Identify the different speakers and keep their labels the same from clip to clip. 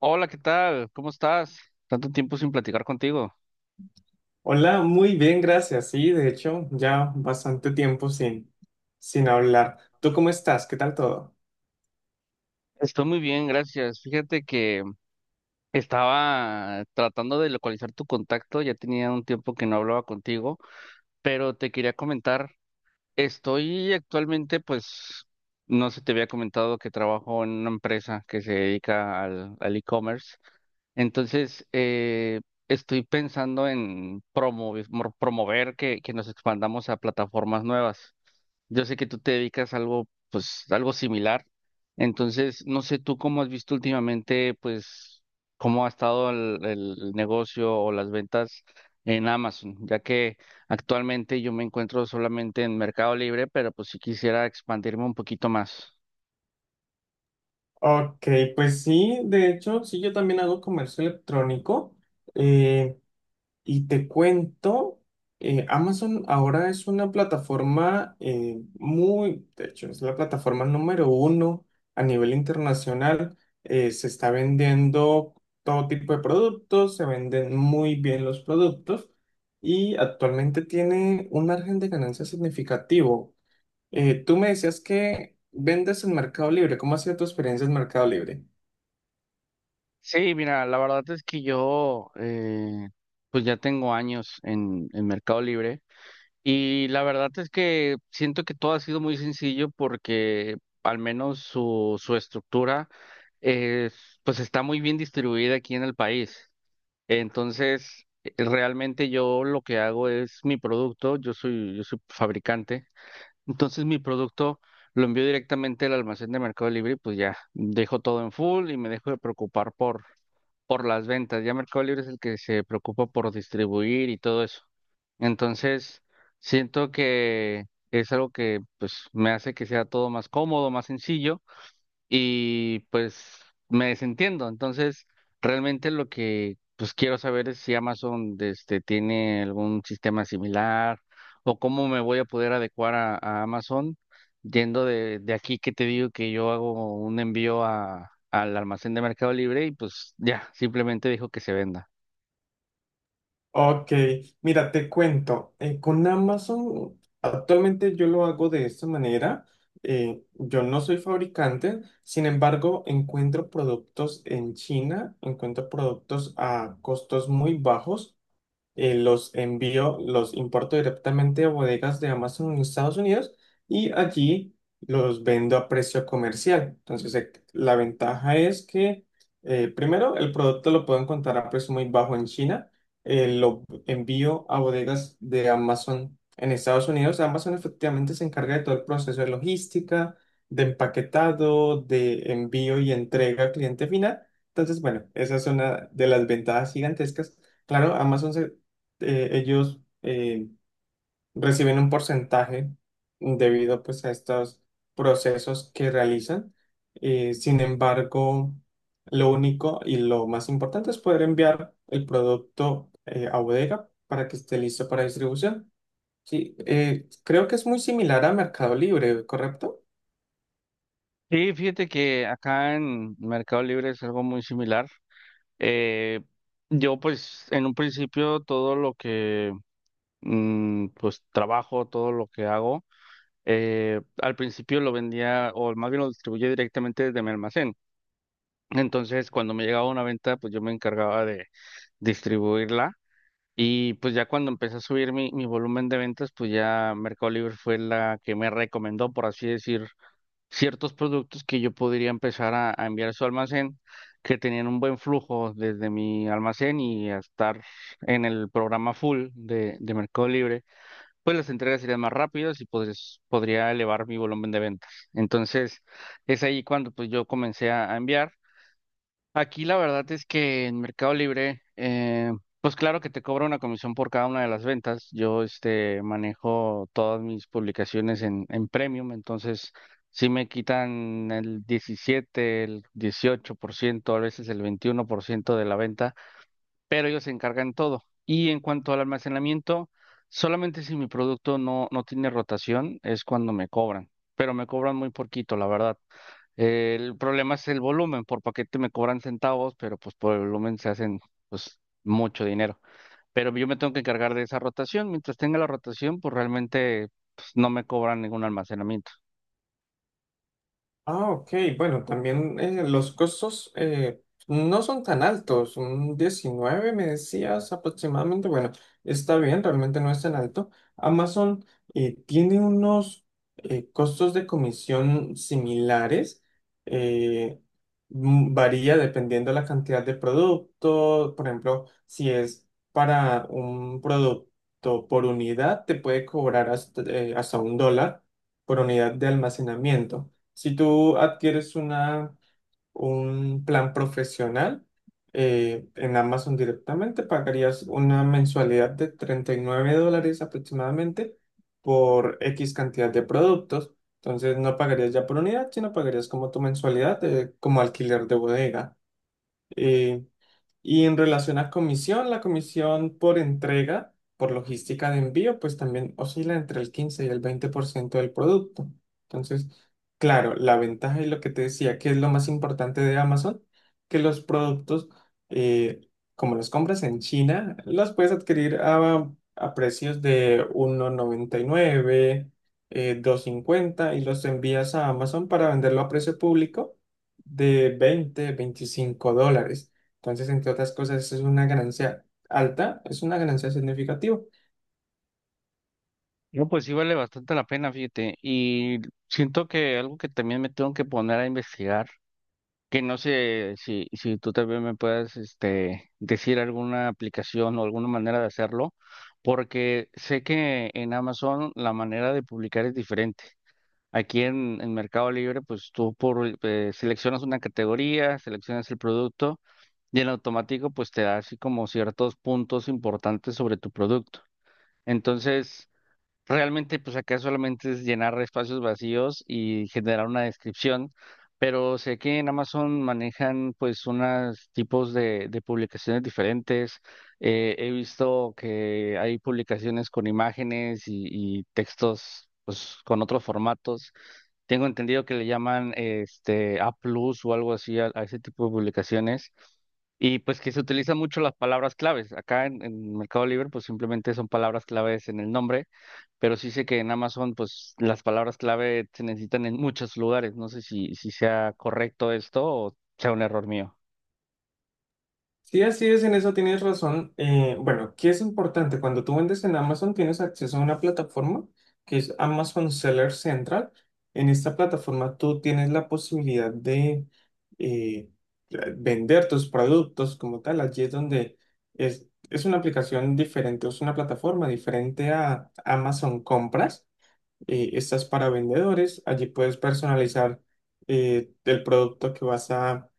Speaker 1: Hola, ¿qué tal? ¿Cómo estás? Tanto tiempo sin platicar contigo.
Speaker 2: Hola, muy bien, gracias. Sí, de hecho, ya bastante tiempo sin hablar. ¿Tú cómo estás? ¿Qué tal todo?
Speaker 1: Estoy muy bien, gracias. Fíjate que estaba tratando de localizar tu contacto, ya tenía un tiempo que no hablaba contigo, pero te quería comentar, estoy actualmente, pues, no sé, te había comentado que trabajo en una empresa que se dedica al e-commerce. Entonces, eh, Estoy pensando en promover, promover que nos expandamos a plataformas nuevas. Yo sé que tú te dedicas a algo, pues, algo similar. Entonces, no sé tú cómo has visto últimamente, pues, cómo ha estado el negocio o las ventas en Amazon, ya que actualmente yo me encuentro solamente en Mercado Libre, pero pues sí quisiera expandirme un poquito más.
Speaker 2: Ok, pues sí, de hecho, sí, yo también hago comercio electrónico. Y te cuento, Amazon ahora es una plataforma muy, de hecho, es la plataforma número uno a nivel internacional. Se está vendiendo todo tipo de productos, se venden muy bien los productos y actualmente tiene un margen de ganancia significativo. Tú me decías que vendes en Mercado Libre. ¿Cómo ha sido tu experiencia en Mercado Libre?
Speaker 1: Sí, mira, la verdad es que pues ya tengo años en Mercado Libre. Y la verdad es que siento que todo ha sido muy sencillo porque al menos su estructura es, pues está muy bien distribuida aquí en el país. Realmente yo lo que hago es mi producto, yo soy fabricante. Entonces mi producto lo envío directamente al almacén de Mercado Libre y pues ya dejo todo en full y me dejo de preocupar por las ventas. Ya Mercado Libre es el que se preocupa por distribuir y todo eso. Entonces siento que es algo que pues me hace que sea todo más cómodo, más sencillo y pues me desentiendo. Entonces, realmente lo que pues quiero saber es si Amazon este, tiene algún sistema similar o cómo me voy a poder adecuar a Amazon yendo de aquí que te digo que yo hago un envío a, al almacén de Mercado Libre y pues ya, simplemente dijo que se venda.
Speaker 2: Ok, mira, te cuento, con Amazon actualmente yo lo hago de esta manera. Yo no soy fabricante, sin embargo, encuentro productos en China, encuentro productos a costos muy bajos, los envío, los importo directamente a bodegas de Amazon en Estados Unidos y allí los vendo a precio comercial. Entonces, la ventaja es que, primero, el producto lo puedo encontrar a precio muy bajo en China, lo envío a bodegas de Amazon en Estados Unidos. Amazon efectivamente se encarga de todo el proceso de logística, de empaquetado, de envío y entrega al cliente final. Entonces, bueno, esa es una de las ventajas gigantescas. Claro, Amazon se ellos reciben un porcentaje debido pues a estos procesos que realizan. Sin embargo, lo único y lo más importante es poder enviar el producto a bodega para que esté listo para distribución. Sí, creo que es muy similar a Mercado Libre, ¿correcto?
Speaker 1: Sí, fíjate que acá en Mercado Libre es algo muy similar. Eh, yo pues en un principio todo lo que pues trabajo, todo lo que hago. Al principio lo vendía, o más bien lo distribuía directamente desde mi almacén. Entonces, cuando me llegaba una venta, pues yo me encargaba de distribuirla. Y pues ya cuando empecé a subir mi volumen de ventas, pues ya Mercado Libre fue la que me recomendó, por así decir, ciertos productos que yo podría empezar a enviar a su almacén, que tenían un buen flujo desde mi almacén y a estar en el programa full de Mercado Libre pues las entregas serían más rápidas y podría elevar mi volumen de ventas. Entonces, es ahí cuando pues yo comencé a enviar. Aquí la verdad es que en Mercado Libre, pues claro que te cobra una comisión por cada una de las ventas. Yo este manejo todas mis publicaciones en Premium, entonces sí me quitan el 17, el 18%, a veces el 21% de la venta pero ellos se encargan todo. Y en cuanto al almacenamiento, solamente si mi producto no tiene rotación es cuando me cobran, pero me cobran muy poquito, la verdad. El problema es el volumen, por paquete me cobran centavos, pero pues por el volumen se hacen pues mucho dinero. Pero yo me tengo que encargar de esa rotación, mientras tenga la rotación, pues realmente pues, no me cobran ningún almacenamiento.
Speaker 2: Ah, ok. Bueno, también los costos no son tan altos. Un 19, me decías aproximadamente. Bueno, está bien, realmente no es tan alto. Amazon tiene unos costos de comisión similares. eh, varía dependiendo la cantidad de producto. Por ejemplo, si es para un producto por unidad, te puede cobrar hasta, hasta $1 por unidad de almacenamiento. Si tú adquieres un plan profesional en Amazon directamente, pagarías una mensualidad de $39 aproximadamente por X cantidad de productos. Entonces no pagarías ya por unidad, sino pagarías como tu mensualidad como alquiler de bodega. Eh, y en relación a comisión, la comisión por entrega, por logística de envío, pues también oscila entre el 15 y el 20% del producto. Entonces, claro, la ventaja y lo que te decía, que es lo más importante de Amazon, que los productos, eh, como los compras en China, los puedes adquirir a precios de 1.99 2.50 y los envías a Amazon para venderlo a precio público de $20-25. Entonces, entre otras cosas, es una ganancia alta, es una ganancia significativa.
Speaker 1: No, pues sí vale bastante la pena, fíjate, y siento que algo que también me tengo que poner a investigar que no sé si tú también me puedas este, decir alguna aplicación o alguna manera de hacerlo, porque sé que en Amazon la manera de publicar es diferente. Aquí en Mercado Libre, pues tú seleccionas una categoría, seleccionas el producto y en automático pues te da así como ciertos puntos importantes sobre tu producto. Entonces, realmente, pues acá solamente es llenar espacios vacíos y generar una descripción, pero sé que en Amazon manejan pues unos tipos de publicaciones diferentes. He visto que hay publicaciones con imágenes y textos pues con otros formatos. Tengo entendido que le llaman este A plus o algo así a ese tipo de publicaciones. Y pues que se utilizan mucho las palabras claves. Acá en Mercado Libre, pues simplemente son palabras claves en el nombre pero sí sé que en Amazon, pues las palabras clave se necesitan en muchos lugares. No sé si sea correcto esto o sea un error mío.
Speaker 2: Sí, así es, en eso tienes razón. Bueno, ¿qué es importante? Cuando tú vendes en Amazon, tienes acceso a una plataforma que es Amazon Seller Central. En esta plataforma tú tienes la posibilidad de eh, vender tus productos como tal. Allí es donde es una aplicación diferente, es una plataforma diferente a Amazon Compras. Estas para vendedores. Allí puedes personalizar el producto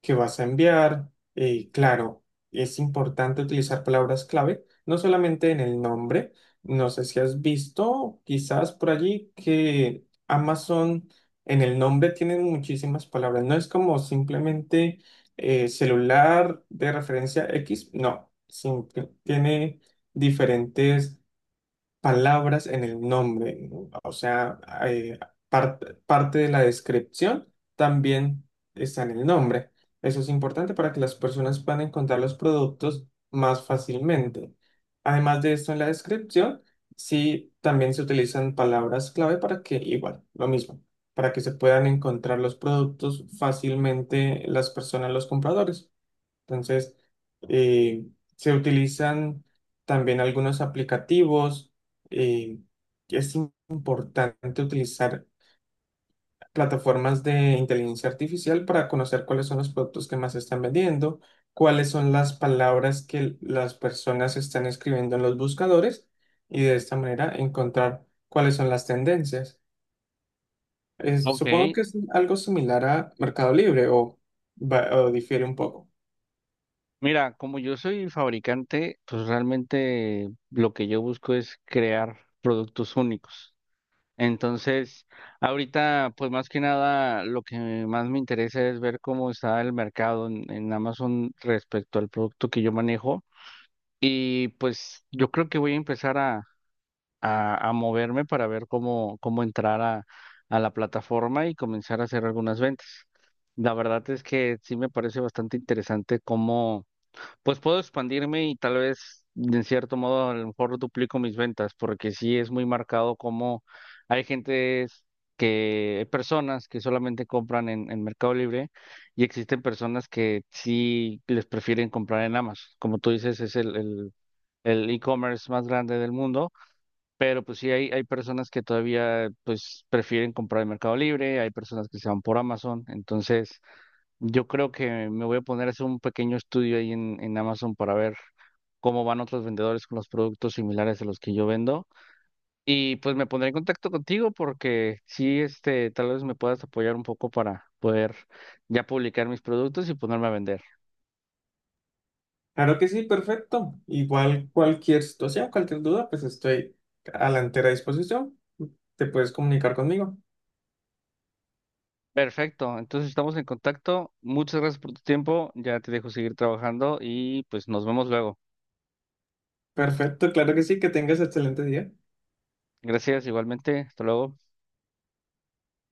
Speaker 2: que vas a enviar. Claro, es importante utilizar palabras clave, no solamente en el nombre. No sé si has visto quizás por allí que Amazon en el nombre tiene muchísimas palabras. No es como simplemente celular de referencia X, no. Tiene diferentes palabras en el nombre, ¿no? O sea, eh, parte de la descripción también está en el nombre. Eso es importante para que las personas puedan encontrar los productos más fácilmente. Además de esto, en la descripción, sí, también se utilizan palabras clave para que, igual, lo mismo, para que se puedan encontrar los productos fácilmente las personas, los compradores. Entonces, eh, se utilizan también algunos aplicativos. eh, es importante utilizar plataformas de inteligencia artificial para conocer cuáles son los productos que más se están vendiendo, cuáles son las palabras que las personas están escribiendo en los buscadores y de esta manera encontrar cuáles son las tendencias.
Speaker 1: Ok,
Speaker 2: Supongo que es algo similar a Mercado Libre o, o difiere un poco.
Speaker 1: mira, como yo soy fabricante, pues realmente lo que yo busco es crear productos únicos. Entonces, ahorita, pues más que nada, lo que más me interesa es ver cómo está el mercado en Amazon respecto al producto que yo manejo. Y pues yo creo que voy a empezar a moverme para ver cómo, cómo entrar a la plataforma y comenzar a hacer algunas ventas. La verdad es que sí me parece bastante interesante cómo, pues puedo expandirme y tal vez, de cierto modo, a lo mejor duplico mis ventas, porque sí es muy marcado cómo hay gentes que, personas que solamente compran en Mercado Libre y existen personas que sí les prefieren comprar en Amazon. Como tú dices, es el e-commerce más grande del mundo pero pues sí, hay personas que todavía pues prefieren comprar en Mercado Libre, hay personas que se van por Amazon. Entonces, yo creo que me voy a poner a hacer un pequeño estudio ahí en Amazon para ver cómo van otros vendedores con los productos similares a los que yo vendo. Y pues me pondré en contacto contigo porque sí, este, tal vez me puedas apoyar un poco para poder ya publicar mis productos y ponerme a vender.
Speaker 2: Claro que sí, perfecto. Igual cualquier situación, cualquier duda, pues estoy a la entera disposición. Te puedes comunicar conmigo.
Speaker 1: Perfecto, entonces estamos en contacto. Muchas gracias por tu tiempo. Ya te dejo seguir trabajando y pues nos vemos luego.
Speaker 2: Perfecto, claro que sí, que tengas excelente día.
Speaker 1: Gracias, igualmente. Hasta luego.